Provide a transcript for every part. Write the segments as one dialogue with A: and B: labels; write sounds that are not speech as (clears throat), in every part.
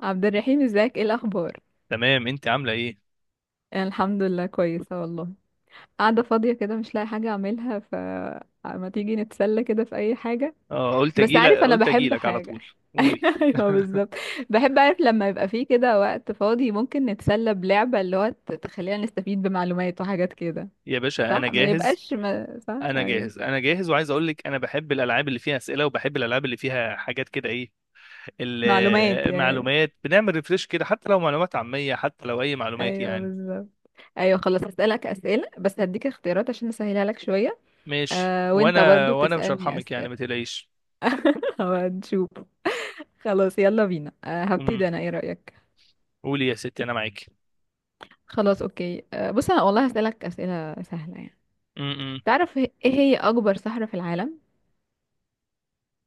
A: عبد الرحيم، ازيك؟ ايه الاخبار؟
B: تمام، انت عامله ايه؟
A: انا الحمد لله كويسه والله. قاعده فاضيه كده، مش لاقي حاجه اعملها، ف... ما تيجي نتسلى كده في اي حاجه؟
B: اه، قلت
A: بس
B: اجيلك
A: عارف، انا
B: قلت
A: بحب
B: اجيلك على
A: حاجه.
B: طول. قولي.
A: (laughs) ايوه،
B: (laughs)
A: بالظبط. بحب اعرف لما يبقى فيه كده وقت فاضي ممكن نتسلى بلعبه اللي هو تخلينا نستفيد بمعلومات وحاجات كده.
B: يا باشا انا
A: صح، ما
B: جاهز.
A: يبقاش ما... صح،
B: انا
A: ايوه.
B: جاهز انا جاهز وعايز اقول لك انا بحب الالعاب اللي فيها اسئله، وبحب الالعاب اللي فيها حاجات كده. ايه
A: معلومات يعني.
B: المعلومات، بنعمل ريفريش كده، حتى لو معلومات عاميه، حتى لو اي معلومات
A: ايوه،
B: يعني.
A: بالظبط. ايوه خلاص، هسألك اسئله، بس هديك اختيارات عشان اسهلها لك شويه.
B: ماشي،
A: آه، وانت
B: وانا
A: برضو
B: وانا مش
A: تسألني
B: هرحمك يعني،
A: اسئله.
B: ما تقلقيش.
A: (laughs) هنشوف. خلاص، يلا بينا،
B: امم
A: هبتدي انا. ايه رأيك؟
B: قولي يا ستي، انا معاك.
A: خلاص، اوكي. بص، انا والله هسألك أسئلة سهلة يعني.
B: أمم.
A: تعرف ايه هي اكبر صحراء في العالم؟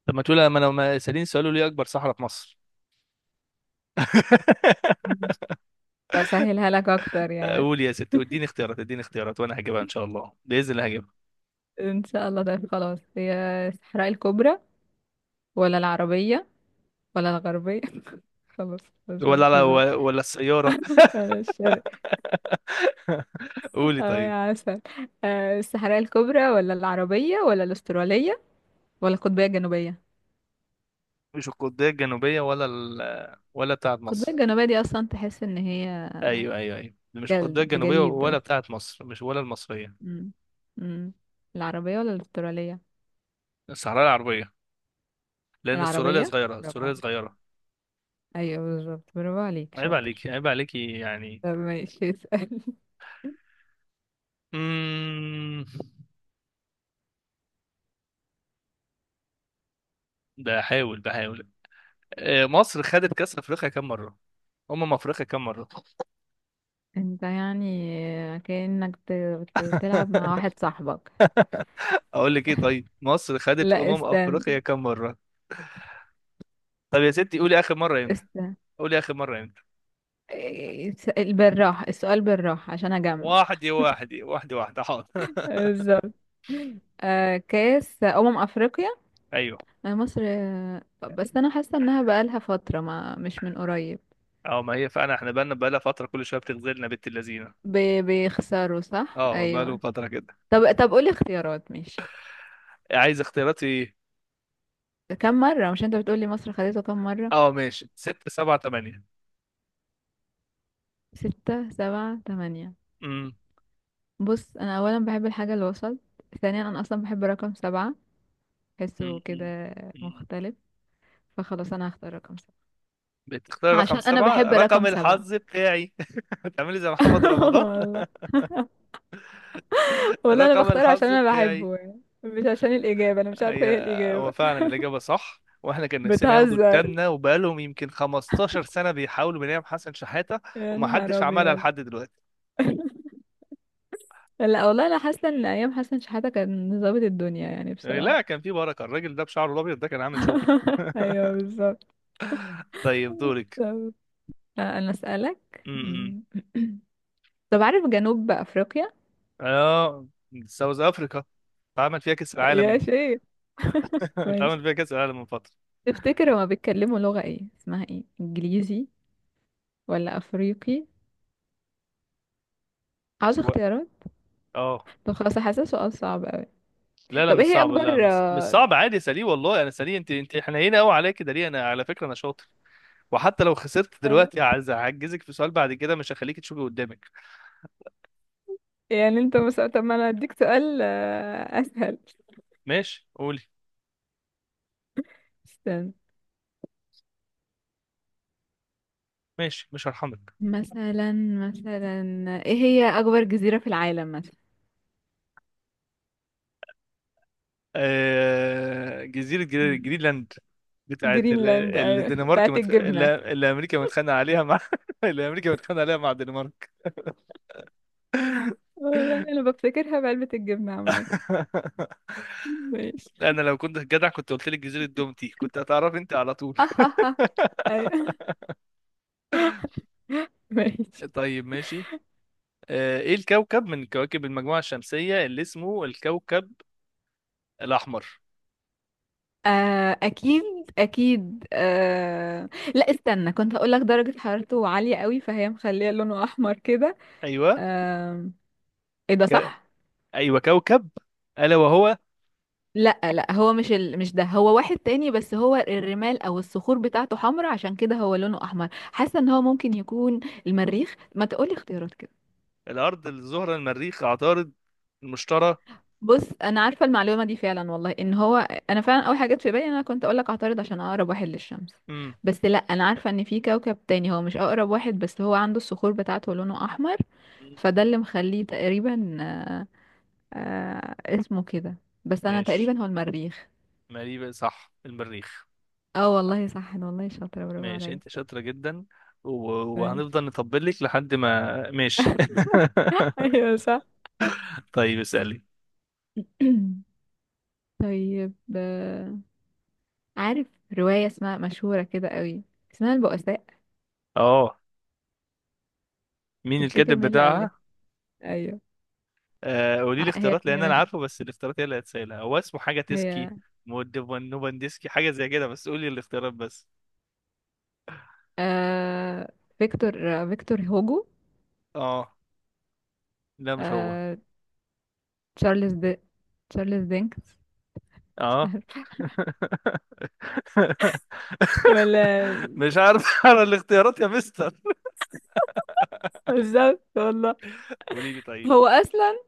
B: طب، ما تقول، ما انا ما سالين سؤال لي اكبر صحراء في مصر؟
A: مم.
B: (laughs)
A: بسهلها لك اكتر يعني.
B: قول يا ست، اديني اختيارات، اديني اختيارات، وانا هجيبها ان شاء الله، باذن الله هجيبها.
A: ان شاء الله، ده خلاص، هي الصحراء الكبرى ولا العربية ولا الغربية؟ (laughs) خلاص، بس
B: ولا
A: بلاش
B: على،
A: هزار.
B: ولا السياره.
A: ولا الشرق؟
B: (laughs) قولي
A: اه
B: طيب.
A: يا عسل. الصحراء الكبرى ولا العربية ولا الأسترالية ولا القطبية الجنوبية؟
B: مش القطبيه الجنوبيه، ولا ولا بتاعه
A: القطبية
B: مصر.
A: الجنوبية دي أصلا تحس إن هي
B: ايوه ايوه ايوه، مش القطبيه
A: جلد
B: الجنوبيه ولا
A: جليد.
B: بتاعه مصر، مش ولا المصريه.
A: مم. مم. العربية ولا الأسترالية؟
B: الصحراء العربيه. لان السوريه
A: العربية،
B: صغيره،
A: برافو
B: السوريه
A: عليك.
B: صغيره.
A: أيوة بالظبط، برافو عليك
B: عيب
A: شاطر.
B: عليكي، عيب عليكي يعني.
A: طب ماشي، اسأل. (laughs)
B: امم بحاول بحاول. مصر خدت كاس افريقيا كام مره، افريقيا كام مره؟
A: انت يعني كأنك بتلعب مع
B: (laughs)
A: واحد صاحبك.
B: اقول لك ايه؟ طيب، مصر خدت
A: لا،
B: افريقيا
A: استنى.
B: كام مره؟ طب يا ستي، قولي اخر مره امتى.
A: استنى.
B: قولي اخر مره امتى.
A: بالراحة السؤال، بالراحة عشان أجمع.
B: واحده واحده واحده واحده، حاضر. (laughs)
A: بالظبط. آه، كأس أمم أفريقيا.
B: ايوه.
A: آه، مصر، بس أنا حاسة إنها بقالها فترة، ما مش من قريب.
B: اه، ما هي فعلا احنا بقالها فتره، كل شويه بتغزلنا بنت اللذينه.
A: بيخسروا صح؟
B: اه، بقاله
A: أيوة.
B: فتره كده.
A: طب، قولي اختيارات، ماشي.
B: عايز اختيارات في ايه؟
A: كم مرة؟ مش انت بتقولي مصر خدته كم مرة؟
B: اه ماشي، ستة سبعة تمانية.
A: ستة، سبعة، تمانية.
B: امم
A: بص، انا اولا بحب الحاجة الوسط. ثانيا، انا اصلا بحب رقم سبعة. بحسه
B: أمم، أمم،
A: كده
B: أمم.
A: مختلف. فخلاص، انا هختار رقم سبعة.
B: بتختار رقم
A: عشان انا
B: سبعة،
A: بحب
B: رقم
A: رقم سبعة.
B: الحظ بتاعي. (laughs) بتعملي زي محمد
A: (laughs)
B: رمضان.
A: والله.
B: (laughs)
A: والله انا
B: رقم
A: بختاره عشان
B: الحظ
A: انا
B: بتاعي.
A: بحبه يعني، مش عشان الاجابة. انا مش عارفة
B: هي
A: ايه
B: هو
A: الاجابة.
B: فعلا الإجابة صح، واحنا كان نفسنا ياخدوا
A: بتهزر؟
B: التامنة، وبقالهم يمكن 15 سنة بيحاولوا، بنيام حسن شحاتة.
A: يا نهار
B: ومحدش عملها
A: ابيض.
B: لحد دلوقتي.
A: (laughs) لا والله، انا حاسة ان ايام حسن شحاتة كان ظابط الدنيا يعني، بصراحة.
B: لا، كان في بركة الراجل ده، بشعره الأبيض ده كان عامل شغل.
A: (laughs) ايوه،
B: (laughs)
A: بالظبط.
B: طيب دورك.
A: طب انا اسالك.
B: م-م.
A: طب عارف جنوب افريقيا؟
B: اه، ساوث أفريقيا اتعمل فيها كأس
A: يا
B: العالم.
A: شيخ.
B: (laughs)
A: ماشي.
B: اتعمل فيها كأس العالم من فترة.
A: تفتكر هما بيتكلموا لغة ايه؟ اسمها ايه، انجليزي ولا افريقي؟ عاوز
B: و-
A: اختيارات؟
B: اه،
A: طب خلاص، حاسس سؤال صعب قوي.
B: لا لا،
A: طب
B: مش
A: ايه هي
B: صعب، لا
A: اكبر
B: مش صعب، عادي يا سليم، والله انا سليم. انت حنينه قوي عليا كده ليه؟ انا على فكره انا شاطر. وحتى لو خسرت
A: آه،
B: دلوقتي، هعجزك في سؤال بعد كده، مش هخليك تشوفي قدامك.
A: يعني انت مثلا، طب، ما انا هديك سؤال اسهل.
B: ماشي، قولي.
A: استنى.
B: ماشي، مش هرحمك.
A: مثلا مثلا. ايه هي اكبر جزيرة في العالم مثلا؟
B: جزيرة جرينلاند، بتاعت
A: جرينلاند، ايوه،
B: الدنمارك،
A: بتاعت الجبنة.
B: اللي امريكا متخانقة عليها مع (laughs) اللي امريكا متخانقة عليها مع الدنمارك.
A: والله انا بفتكرها بعلبة الجبنة عامة.
B: (laughs)
A: ماشي.
B: انا لو كنت جدع، كنت قلت لك جزيرة دومتي، كنت هتعرف انت على طول.
A: (laughs) ايوه، ماشي.
B: (laughs) طيب ماشي. ايه الكوكب من كواكب المجموعة الشمسية اللي اسمه الكوكب الاحمر؟
A: آه اكيد. اكيد آه. لا، استنى، كنت هقول لك درجة حرارته عالية قوي فهي مخليه لونه احمر كده.
B: ايوه،
A: آه. ايه ده؟
B: ك...
A: صح.
B: ايوه كوكب، الا وهو
A: لا لا، هو مش مش ده، هو واحد تاني، بس هو الرمال او الصخور بتاعته حمراء عشان كده هو لونه احمر، حاسه ان هو ممكن يكون... المريخ. ما تقولي اختيارات.
B: الارض، الزهره، المريخ، عطارد، المشتري.
A: بص، انا عارفه المعلومه دي فعلا والله، ان هو... انا فعلا اول حاجه جت في بالي إن انا كنت اقول لك اعترض عشان اقرب واحد للشمس.
B: امم
A: بس لا، انا عارفه ان في كوكب تاني، هو مش اقرب واحد، بس هو عنده الصخور بتاعته لونه احمر.
B: مم.
A: فده اللي مخليه تقريبا آه اسمه كده. بس انا
B: ماشي،
A: تقريبا، هو المريخ.
B: مريبة صح، المريخ.
A: اه والله صح، أنا والله شاطره، برافو
B: ماشي
A: عليا.
B: انت شاطرة جدا.
A: طيب.
B: وهنفضل نطبل لك لحد ما ماشي.
A: (laughs)
B: (laughs)
A: ايوه صح. (clears throat)
B: طيب اسألي.
A: طيب، عارف روايه اسمها مشهوره كده قوي، اسمها البؤساء؟
B: اه، مين
A: تفتكر
B: الكاتب
A: مين اللي
B: بتاعها؟
A: ألفها؟ ايوه.
B: قولي لي
A: هي
B: اختيارات،
A: هي
B: لان انا
A: ماشي.
B: عارفه، بس الاختيارات هي اللي هتسألها. هو اسمه حاجة
A: هي.
B: تسكي، نوبندسكي، حاجة زي كده، بس قولي الاختيارات بس.
A: آه، فيكتور هوجو.
B: اه لا، مش هو.
A: آه، تشارلز دي تشارلز دينكس. مش
B: اه.
A: عارفة. (laughs)
B: (laughs) (laughs)
A: ولا...
B: مش عارف انا الاختيارات يا مستر.
A: بالظبط والله.
B: قولي لي طيب.
A: هو اصلا...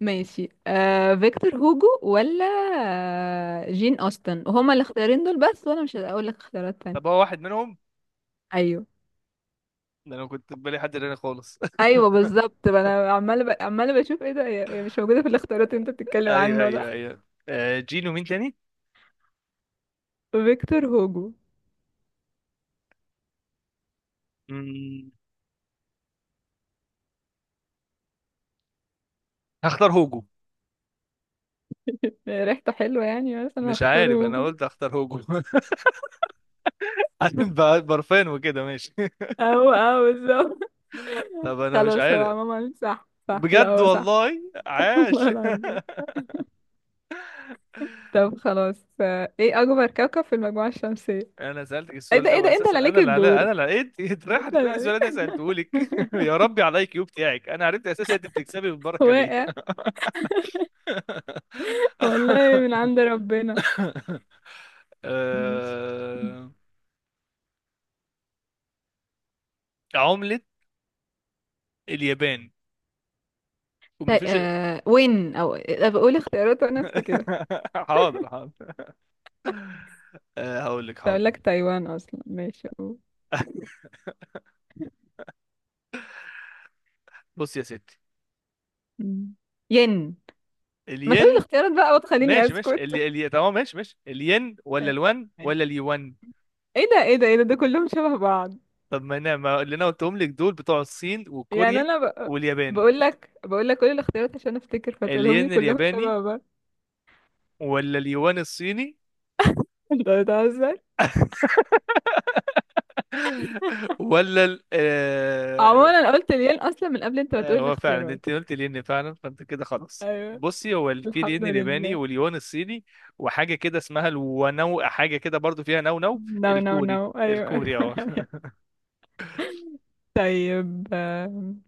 A: ماشي، فيكتور هوجو، ولا آه، جين اوستن؟ وهما الاختيارين دول بس، وانا مش هقول لك اختيارات
B: طب
A: تانية.
B: هو واحد منهم.
A: ايوه.
B: ده انا كنت في بالي حد تاني خالص. (laughs)
A: ايوه بالظبط، ما انا عماله عماله بشوف ايه ده، هي مش موجوده في الاختيارات اللي انت بتتكلم
B: ايوه
A: عنه، ولا...
B: ايوه ايوه. جينو، مين تاني؟
A: فيكتور هوجو.
B: مم، هختار هوجو.
A: ريحته حلوه يعني، بس انا
B: مش
A: هختار
B: عارف، انا
A: هوجو.
B: قلت هختار هوجو. (laughs) عارف بقى برفان وكده، ماشي.
A: او، بالظبط.
B: (laughs) طب
A: (laughs)
B: انا مش
A: خلاص، هو
B: عارف.
A: عموما صح صح، لا
B: بجد
A: هو صح.
B: والله
A: (laughs) والله
B: عاش.
A: العظيم. طب خلاص، ايه اكبر كوكب في المجموعة الشمسية؟
B: (laughs) انا سالتك
A: ايه
B: السؤال
A: ده،
B: ده،
A: ايه ده، انت اللي
B: واساسا
A: عليك الدور.
B: انا اللي لقيت. (laughs) اتريح،
A: انت اللي
B: هتسالي السؤال
A: عليك.
B: اللي انا سالته لك. (laughs)
A: (laughs)
B: يا ربي، على الاي كيو بتاعك، انا عرفت اساسا انت بتكسبي بالبركه.
A: واقع. والله من
B: (laughs)
A: عند ربنا. ماشي.
B: آه، عملة اليابان،
A: طيب
B: ومفيش.
A: آه وين او آه، بقول اختيارات وانا افتكرها.
B: (laughs) حاضر حاضر. هقول لك
A: كنت اقول
B: حاضر.
A: لك تايوان اصلا. ماشي، قول.
B: بص يا ستي،
A: مم. ين. ما تقولي
B: الين.
A: الاختيارات بقى وتخليني
B: ماشي ماشي،
A: اسكت. (laughs)
B: اللي تمام، ماشي ماشي، الين ولا
A: ايه،
B: الوان ولا اليوان؟
A: إيه ده، ايه ده، ايه ده كلهم شبه بعض.
B: طب ما انا، ما اللي انا قلتهم لك دول بتوع الصين وكوريا
A: يعني انا
B: واليابان.
A: بقول لك كل الاختيارات عشان افتكر، فتقولهم لي
B: الين
A: كلهم
B: الياباني
A: شبه بعض.
B: ولا اليوان الصيني؟
A: (laughs) انت بتهزر.
B: (laughs) ولا
A: عموما انا قلت الين اصلا من قبل انت ما تقول
B: هو فعلا
A: الاختيارات.
B: انت قلت الين فعلا، فانت كده خلاص.
A: ايوه.
B: بصي، هو في
A: الحمد
B: الين الياباني
A: لله.
B: واليوان الصيني. وحاجه كده اسمها الونو، حاجه كده برضو فيها نو نو،
A: نو نو نو،
B: الكوري.
A: ايوه.
B: الكوري اه.
A: (laughs) طيب،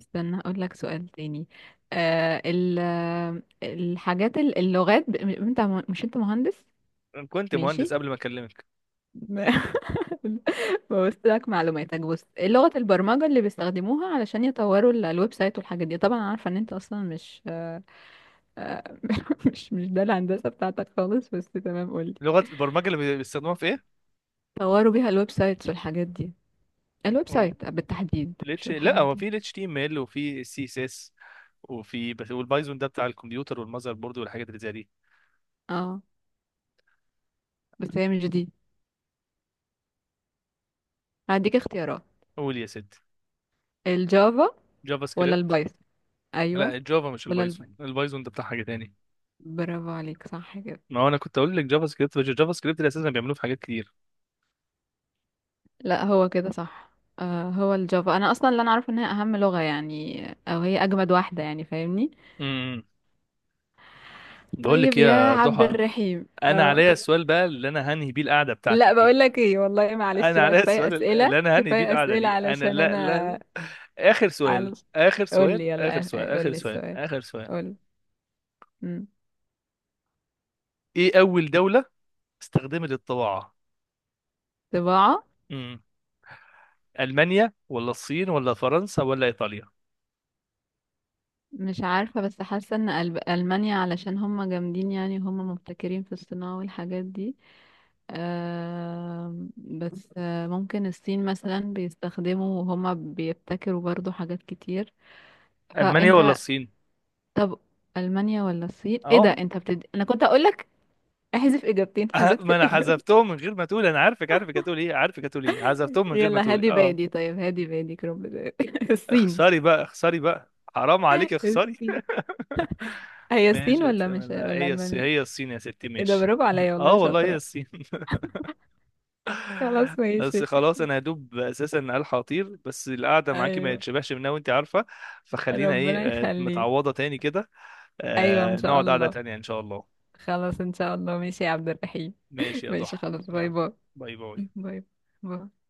A: استنى اقول لك سؤال تاني. آه ال... آه، الحاجات اللغات انت مش، انت مهندس؟
B: (laughs) كنت مهندس
A: ماشي.
B: قبل ما اكلمك.
A: (laughs) ببص لك معلوماتك، بص، إيه لغة البرمجة اللي بيستخدموها علشان يطوروا الويب سايت والحاجات دي؟ طبعا عارفة ان انت اصلا مش آه، (laughs) مش ده الهندسة بتاعتك خالص، بس تمام، قولي.
B: لغه البرمجه اللي بيستخدموها في ايه؟
A: طوروا بيها الويب سايتس والحاجات دي. الويب
B: مم.
A: سايت بالتحديد، مش
B: الاتش لا
A: الحاجات
B: هو
A: دي.
B: في الاتش تي ام ال، وفي السي اس اس، وفي، بس. والبايثون ده بتاع الكمبيوتر والمذر بورد والحاجات اللي زي دي.
A: اه، بس هي مش دي. هديك اختيارات.
B: قول يا ست.
A: الجافا
B: جافا
A: ولا
B: سكريبت.
A: البايثون؟ ايوه.
B: لا، الجافا مش
A: ولا
B: البايثون، البايثون ده بتاع حاجه تاني.
A: برافو عليك، صح كده.
B: ما هو انا كنت اقول لك جافا سكريبت، بس الجافا سكريبت اللي اساسا بيعملوه في حاجات كتير.
A: لا، هو كده صح. آه، هو الجافا، انا اصلا اللي انا عارفه ان هي اهم لغه يعني، او هي اجمد واحده يعني، فاهمني.
B: بقول لك
A: طيب
B: ايه
A: يا
B: يا
A: عبد
B: ضحى.
A: الرحيم،
B: انا
A: اه.
B: عليا السؤال بقى، اللي انا هنهي بيه القعده
A: لا
B: بتاعتي دي.
A: بقول لك ايه، والله معلش
B: انا
A: بقى،
B: عليا
A: كفايه
B: السؤال اللي
A: اسئله
B: انا هنهي بيه
A: كفايه
B: القعده
A: اسئله
B: دي. انا،
A: علشان
B: لا لا،
A: انا...
B: اخر
A: على.
B: سؤال، اخر
A: قول
B: سؤال،
A: لي
B: اخر
A: يلا.
B: سؤال،
A: قول
B: اخر
A: لي
B: سؤال،
A: السؤال.
B: اخر سؤال.
A: قول
B: ايه اول دوله استخدمت الطباعه؟
A: لي.
B: امم المانيا ولا الصين ولا فرنسا ولا ايطاليا؟
A: مش عارفة، بس حاسة ان ألمانيا علشان هم جامدين يعني، هم مبتكرين في الصناعة والحاجات دي. بس ممكن الصين مثلا بيستخدموا وهما بيبتكروا برضو حاجات كتير.
B: المانيا ولا
A: فانت.
B: الصين؟
A: طب. ألمانيا ولا الصين؟ ايه ده،
B: اه.
A: انت انا كنت اقولك احذف اجابتين،
B: (laughs)
A: حذفت
B: ما انا
A: الاجابتين.
B: حذفتهم من غير ما تقول. انا عارفك هتقول ايه، عارفك هتقول ايه،
A: (laughs)
B: حذفتهم من غير ما
A: يلا
B: تقول
A: هادي
B: اه.
A: بادي، طيب هادي بادي رب ده. (laughs) الصين.
B: اخسري بقى، اخسري بقى، حرام عليك، اخسري.
A: الصين.
B: (laughs)
A: هي الصين،
B: ماشي يا
A: ولا مش،
B: سلام، لا
A: ولا
B: هي الصين،
A: ألمانيا؟
B: هي الصين يا ستي،
A: ايه ده،
B: ماشي.
A: برافو عليا
B: اه
A: والله،
B: والله هي
A: شاطرة.
B: الصين. (laughs)
A: خلاص
B: بس
A: ماشي.
B: خلاص، انا هدوب اساسا، الحق اطير. بس القعده معاكي ما
A: ايوه.
B: يتشبعش منها، وانت عارفه. فخلينا ايه،
A: ربنا يخليك.
B: متعوضه تاني كده.
A: ايوه، ان شاء
B: نقعد قعده
A: الله.
B: تانيه ان شاء الله.
A: خلاص، ان شاء الله، ماشي يا عبد الرحيم.
B: ماشي يا
A: ماشي
B: ضحى.
A: خلاص، باي
B: يلا،
A: باي.
B: باي باي.
A: باي باي.